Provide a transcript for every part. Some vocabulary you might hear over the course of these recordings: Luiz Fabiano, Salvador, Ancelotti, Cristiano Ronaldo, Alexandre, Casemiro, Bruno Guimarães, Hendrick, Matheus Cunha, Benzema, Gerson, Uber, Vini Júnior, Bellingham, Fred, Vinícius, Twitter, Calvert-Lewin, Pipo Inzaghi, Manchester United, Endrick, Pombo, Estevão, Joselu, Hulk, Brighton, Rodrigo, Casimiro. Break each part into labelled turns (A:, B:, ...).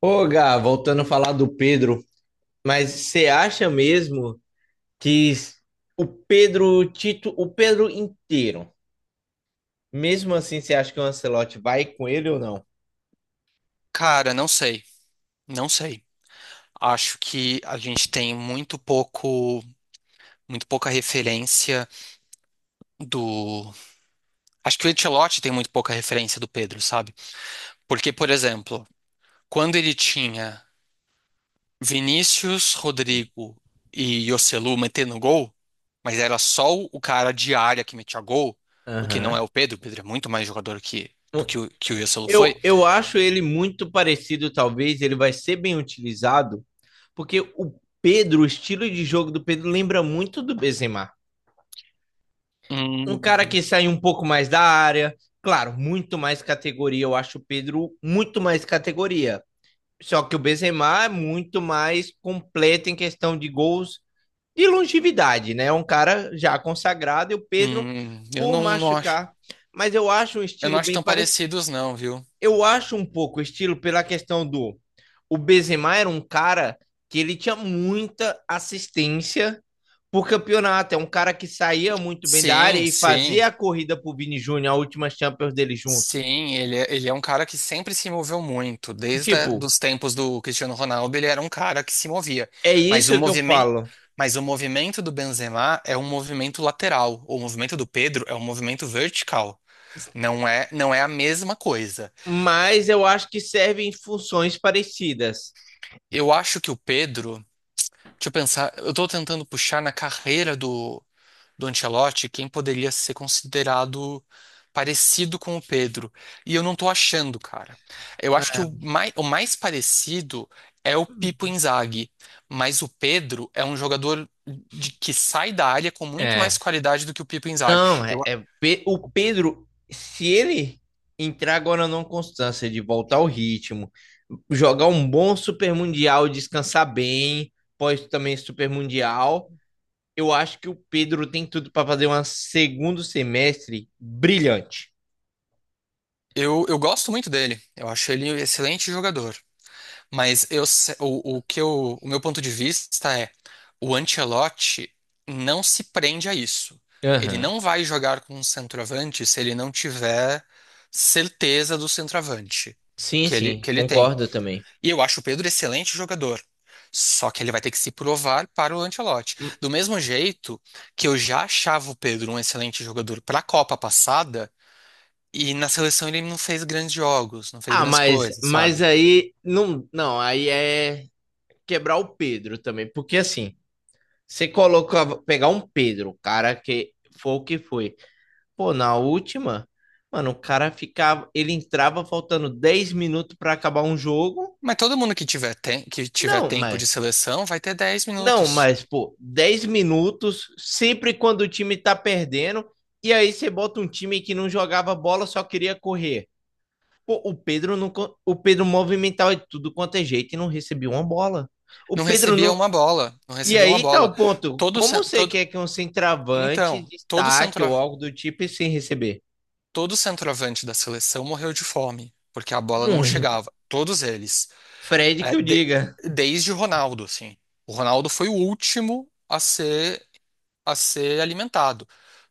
A: Ô, Gá, voltando a falar do Pedro, mas você acha mesmo que s- o Pedro Tito, o Pedro inteiro, mesmo assim, você acha que o Ancelotti vai com ele ou não?
B: Cara, não sei, não sei. Acho que a gente tem muito pouco, muito pouca referência do. Acho que o Ancelotti tem muito pouca referência do Pedro, sabe? Porque, por exemplo, quando ele tinha Vinícius, Rodrigo e Joselu metendo gol, mas era só o cara de área que metia gol, o que não é
A: Aham.
B: o Pedro é muito mais jogador do que o Joselu foi.
A: Eu acho ele muito parecido, talvez ele vai ser bem utilizado, porque o Pedro, o estilo de jogo do Pedro lembra muito do Benzema. Um
B: Hum,
A: cara que sai um pouco mais da área, claro, muito mais categoria. Eu acho o Pedro muito mais categoria. Só que o Benzema é muito mais completo em questão de gols e longevidade, né? É um cara já consagrado e o Pedro
B: eu
A: por
B: não acho,
A: machucar. Mas eu acho um
B: eu não
A: estilo
B: acho
A: bem
B: tão
A: parecido.
B: parecidos, não, viu?
A: Eu acho um pouco o estilo pela questão do. O Benzema era um cara que ele tinha muita assistência por campeonato. É um cara que saía muito bem da área
B: Sim,
A: e fazia
B: sim,
A: a corrida pro Vini Júnior, a última Champions dele juntos.
B: sim. Ele é um cara que sempre se moveu muito. Desde
A: Tipo,
B: dos tempos do Cristiano Ronaldo, ele era um cara que se movia.
A: é
B: Mas o
A: isso que eu
B: movimento,
A: falo.
B: mas o movimento do Benzema é um movimento lateral. O movimento do Pedro é um movimento vertical. Não é a mesma coisa.
A: Mas eu acho que servem funções parecidas.
B: Eu acho que o Pedro, deixa eu pensar, eu tô tentando puxar na carreira do Ancelotti quem poderia ser considerado parecido com o Pedro. E eu não tô achando, cara. Eu acho que o mais parecido é o Pipo Inzaghi, mas o Pedro é um jogador que sai da área com
A: É,
B: muito mais
A: é.
B: qualidade do que o Pipo Inzaghi.
A: Não,
B: Eu,
A: é, o Pedro, se ele entrar agora numa constância de voltar ao ritmo, jogar um bom Super Mundial, descansar bem, pós também Super Mundial, eu acho que o Pedro tem tudo para fazer um segundo semestre brilhante.
B: eu gosto muito dele. Eu acho ele um excelente jogador. Mas eu, se- o que eu, o meu ponto de vista é: o Ancelotti não se prende a isso. Ele
A: Aham.
B: não vai jogar com um centroavante se ele não tiver certeza do centroavante
A: Sim,
B: que ele,
A: sim,
B: que ele tem.
A: concordo também.
B: E eu acho o Pedro excelente jogador. Só que ele vai ter que se provar para o Ancelotti. Do mesmo jeito que eu já achava o Pedro um excelente jogador para a Copa passada, e na seleção ele não fez grandes jogos, não fez
A: Ah,
B: grandes coisas,
A: mas
B: sabe?
A: aí não, não, aí é quebrar o Pedro também, porque assim, você coloca, pegar um Pedro, o cara que foi o que foi. Pô, na última, mano, o cara ficava, ele entrava faltando 10 minutos para acabar um jogo.
B: Mas todo mundo que tiver
A: Não,
B: tempo
A: mas
B: de seleção vai ter dez
A: não,
B: minutos.
A: mas pô, 10 minutos sempre quando o time tá perdendo e aí você bota um time que não jogava bola, só queria correr. Pô, o Pedro não, o Pedro movimentava de tudo quanto é jeito e não recebia uma bola. O
B: Não
A: Pedro
B: recebia
A: não,
B: uma bola, não
A: e
B: recebia uma
A: aí tá
B: bola.
A: o ponto.
B: Todo,
A: Como
B: cen-
A: você
B: todo,
A: quer que um centroavante
B: então, todo
A: destaque
B: centro,
A: ou algo do tipo sem receber?
B: todo centroavante da seleção morreu de fome, porque a bola não
A: Muito.
B: chegava. Todos eles.
A: Fred
B: É,
A: que o diga.
B: desde o Ronaldo, assim. O Ronaldo foi o último a ser alimentado.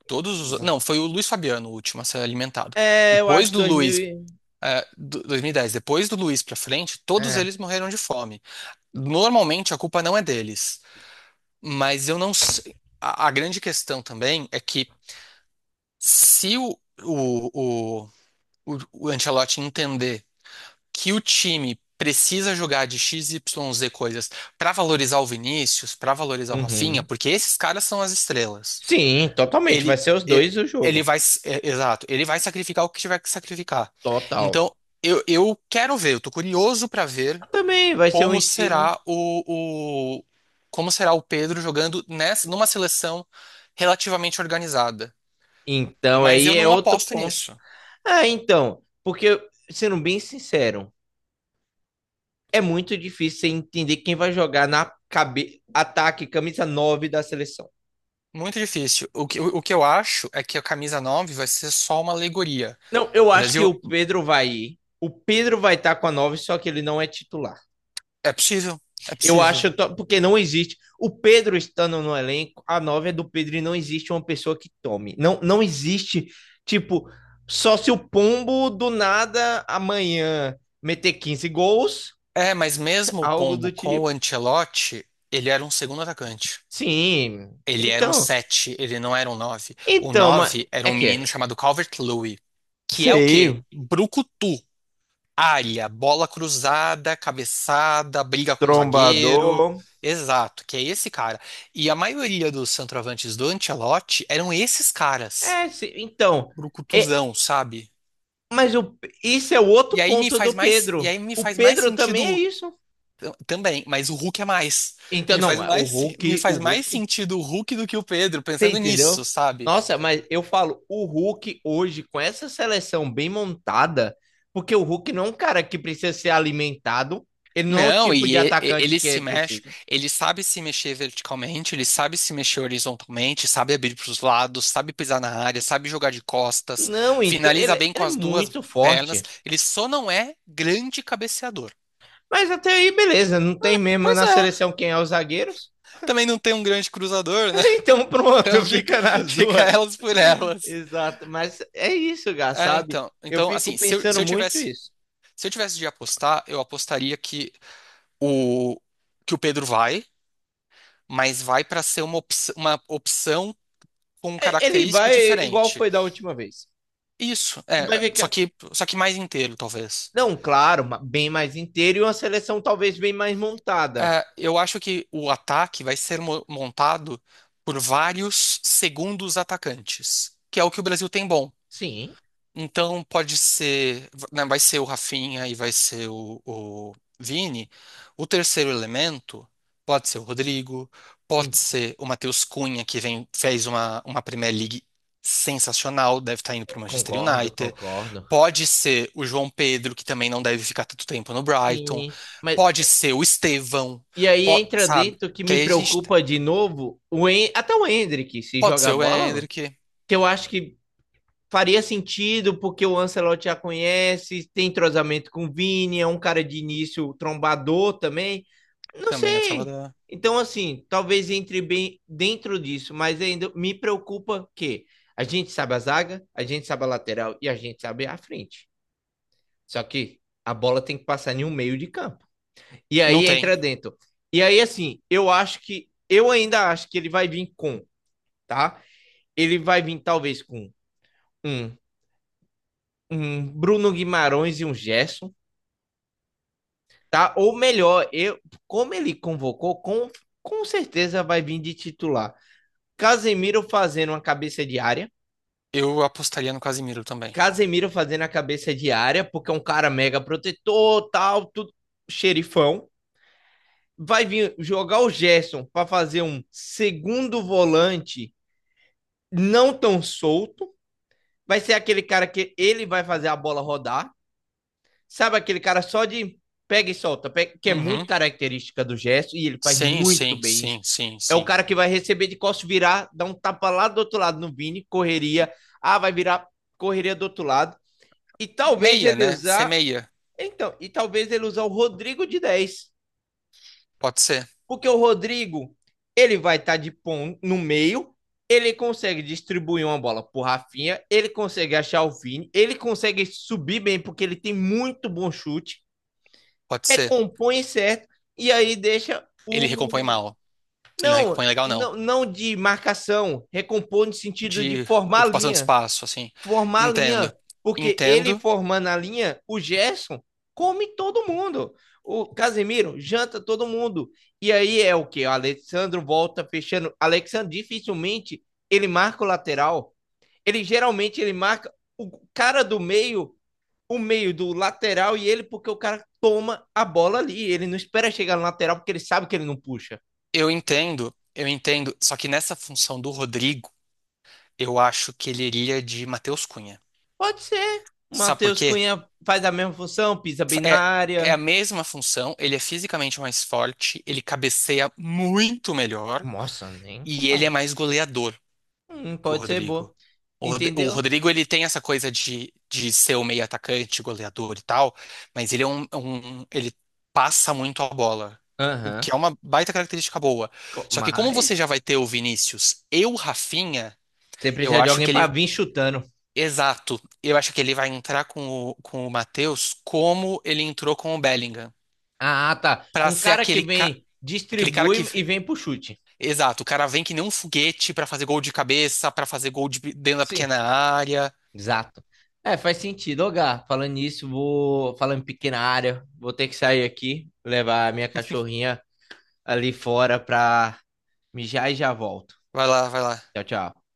B: Todos os, não, foi o Luiz Fabiano o último a ser alimentado.
A: É, eu
B: Depois
A: acho
B: do
A: 2000.
B: Luiz, 2010, depois do Luiz pra frente, todos
A: É.
B: eles morreram de fome. Normalmente a culpa não é deles, mas eu não sei. A grande questão também é que, se o, o, o, o, o Ancelotti entender que o time precisa jogar de X XYZ coisas para valorizar o Vinícius, para valorizar o Rafinha,
A: Uhum.
B: porque esses caras são as estrelas.
A: Sim, totalmente. Vai
B: Ele,
A: ser os
B: e-
A: dois o
B: ele
A: jogo.
B: vai, s- É, exato, ele vai sacrificar o que tiver que sacrificar.
A: Total.
B: Então, eu quero ver, eu tô curioso para ver
A: Também vai ser um
B: como
A: estilo.
B: será o, o- como será o Pedro jogando nessa, numa seleção relativamente organizada.
A: Então,
B: Mas
A: aí
B: eu
A: é
B: não
A: outro
B: aposto
A: ponto.
B: nisso.
A: Ah, então. Porque, sendo bem sincero, é muito difícil você entender quem vai jogar na cabe... ataque, camisa 9 da seleção.
B: Muito difícil. O que eu acho é que a camisa 9 vai ser só uma alegoria.
A: Não, eu acho que
B: Brasil,
A: o Pedro vai ir. O Pedro vai estar com a 9, só que ele não é titular.
B: é possível, é
A: Eu
B: possível.
A: acho, porque não existe. O Pedro estando no elenco, a 9 é do Pedro e não existe uma pessoa que tome. Não, não existe, tipo, só se o Pombo do nada amanhã meter 15 gols,
B: É, mas mesmo o
A: algo
B: Pombo
A: do
B: com o
A: tipo.
B: Ancelotti, ele era um segundo atacante.
A: Sim.
B: Ele era um
A: Então,
B: 7. Ele não era um 9. O
A: então, mas
B: 9 era
A: é
B: um
A: que
B: menino
A: é.
B: chamado Calvert-Lewin, que é o quê?
A: Sei,
B: Brucutu. Área, bola cruzada, cabeçada, briga com o zagueiro.
A: trombador.
B: Exato, que é esse cara. E a maioria dos centroavantes do Ancelotti eram esses caras,
A: É, se- então, é,
B: brucutuzão, sabe?
A: Mas o, isso é o outro
B: E aí me
A: ponto
B: faz
A: do
B: mais, e
A: Pedro.
B: aí me
A: O
B: faz mais,
A: Pedro também é
B: sentido
A: isso.
B: também, mas o Hulk é mais.
A: Então,
B: Me faz
A: não, é o
B: mais, me
A: Hulk, o
B: faz mais
A: Hulk.
B: sentido o Hulk do que o Pedro,
A: Você
B: pensando
A: entendeu?
B: nisso, sabe?
A: Nossa, mas eu falo, o Hulk hoje, com essa seleção bem montada, porque o Hulk não é um cara que precisa ser alimentado, ele não é o
B: Não,
A: tipo de atacante
B: ele
A: que
B: se mexe,
A: precisa.
B: ele sabe se mexer verticalmente, ele sabe se mexer horizontalmente, sabe abrir para os lados, sabe pisar na área, sabe jogar de costas,
A: Não, então,
B: finaliza
A: ele,
B: bem com
A: ele é
B: as duas
A: muito
B: pernas.
A: forte.
B: Ele só não é grande cabeceador.
A: Mas até aí, beleza, não tem mesmo
B: Pois
A: na
B: é,
A: seleção quem é os zagueiros.
B: também não tem um grande cruzador, né?
A: Então
B: Então
A: pronto,
B: fica,
A: fica nas
B: fica
A: duas.
B: elas por elas.
A: Exato, mas é isso, Gá,
B: É,
A: sabe?
B: então,
A: Eu
B: então
A: fico
B: assim, se eu, se
A: pensando
B: eu
A: muito
B: tivesse,
A: isso.
B: se eu tivesse de apostar, eu apostaria o que o Pedro vai, mas vai para ser uma opção com
A: É, ele
B: característica
A: vai igual
B: diferente.
A: foi da última vez.
B: Isso,
A: Vai
B: é, só
A: ficar.
B: que, só que mais inteiro, talvez.
A: Não, claro, bem mais inteiro e uma seleção talvez bem mais montada.
B: É, eu acho que o ataque vai ser montado por vários segundos atacantes, que é o que o Brasil tem bom.
A: Sim,
B: Então pode ser, né, vai ser o Rafinha e vai ser o Vini. O terceiro elemento pode ser o Rodrigo, pode
A: en-
B: ser o Matheus Cunha, que vem, fez uma Premier League sensacional, deve estar indo para o Manchester
A: concordo,
B: United.
A: concordo.
B: Pode ser o João Pedro, que também não deve ficar tanto tempo no Brighton.
A: Sim, mas
B: Pode ser o Estevão,
A: e aí entra
B: sabe?
A: dentro que
B: Que
A: me
B: aí a gente tem-
A: preocupa de novo o até o Hendrick se
B: Pode ser
A: jogar
B: o
A: bola,
B: Endrick,
A: que eu acho que faria sentido porque o Ancelotti já conhece, tem entrosamento com o Vini, é um cara de início trombador também. Não
B: também é
A: sei.
B: trovador.
A: Então, assim, talvez entre bem dentro disso, mas ainda me preocupa que a gente sabe a zaga, a gente sabe a lateral e a gente sabe a frente. Só que a bola tem que passar em um meio de campo. E
B: Não
A: aí
B: tem.
A: entra dentro. E aí, assim, eu acho que. Eu ainda acho que ele vai vir com, tá? Ele vai vir talvez com um um Bruno Guimarães e um Gerson, tá? Ou melhor, eu, como ele convocou, com certeza vai vir de titular. Casemiro fazendo uma cabeça de área,
B: Eu apostaria no Casimiro também.
A: Casemiro fazendo a cabeça de área, porque é um cara mega protetor, tal, tudo, xerifão. Vai vir jogar o Gerson para fazer um segundo volante não tão solto. Vai ser aquele cara que ele vai fazer a bola rodar. Sabe aquele cara só de pega e solta, que é muito
B: Uhum.
A: característica do gesto e ele faz
B: Sim,
A: muito
B: sim,
A: bem isso.
B: sim, sim,
A: É o
B: sim.
A: cara que vai receber de costas, virar, dar um tapa lá do outro lado no Vini, correria. Ah, vai virar correria do outro lado. E talvez
B: Meia, né? Ser meia.
A: ele usar o Rodrigo de 10
B: Pode ser,
A: porque o Rodrigo, ele vai estar de pão no meio, ele consegue distribuir uma bola pro Rafinha, ele consegue achar o Vini, ele consegue subir bem porque ele tem muito bom chute.
B: pode ser.
A: Recompõe certo e aí deixa
B: Ele recompõe
A: o.
B: mal. Ele não
A: Não,
B: recompõe legal, não.
A: não, não de marcação, recompõe no sentido de
B: De
A: formar
B: ocupação de
A: linha.
B: espaço, assim.
A: Formar
B: Entendo.
A: linha, porque ele
B: Entendo.
A: formando a linha, o Gerson come todo mundo. O Casemiro janta todo mundo. E aí é o que? O Alexandre volta fechando. Alexandre dificilmente ele marca o lateral. Ele geralmente ele marca o cara do meio o meio do lateral e ele, porque o cara toma a bola ali. Ele não espera chegar no lateral porque ele sabe que ele não puxa.
B: Eu entendo, eu entendo. Só que nessa função do Rodrigo, eu acho que ele iria de Matheus Cunha.
A: Pode ser. O
B: Sabe por
A: Matheus
B: quê?
A: Cunha faz a mesma função, pisa bem na
B: É, é a
A: área.
B: mesma função, ele é fisicamente mais forte, ele cabeceia muito melhor
A: Nossa, nem
B: e ele é
A: compara.
B: mais goleador que o
A: Pode ser
B: Rodrigo.
A: boa.
B: O
A: Entendeu?
B: Rodrigo, ele tem essa coisa de, ser o meio atacante, goleador e tal, mas ele é um- ele passa muito a bola. O que
A: Aham.
B: é uma baita característica boa. Só que, como você já
A: Mas
B: vai ter o Vinícius e o Rafinha,
A: você
B: eu
A: precisa de
B: acho
A: alguém
B: que ele.
A: para vir chutando.
B: Exato. Eu acho que ele vai entrar com o, Matheus como ele entrou com o Bellingham.
A: Ah, tá.
B: Pra
A: Um
B: ser
A: cara que vem,
B: aquele cara que.
A: distribui e vem pro chute.
B: Exato, o cara vem que nem um foguete pra fazer gol de cabeça, pra fazer gol de dentro da
A: Sim.
B: pequena área.
A: Exato. É, faz sentido. Ô, Gá, falando nisso, vou. Falando em pequena área, vou ter que sair aqui, levar a minha cachorrinha ali fora pra mijar e já volto.
B: Vai lá, vai lá.
A: Tchau, tchau.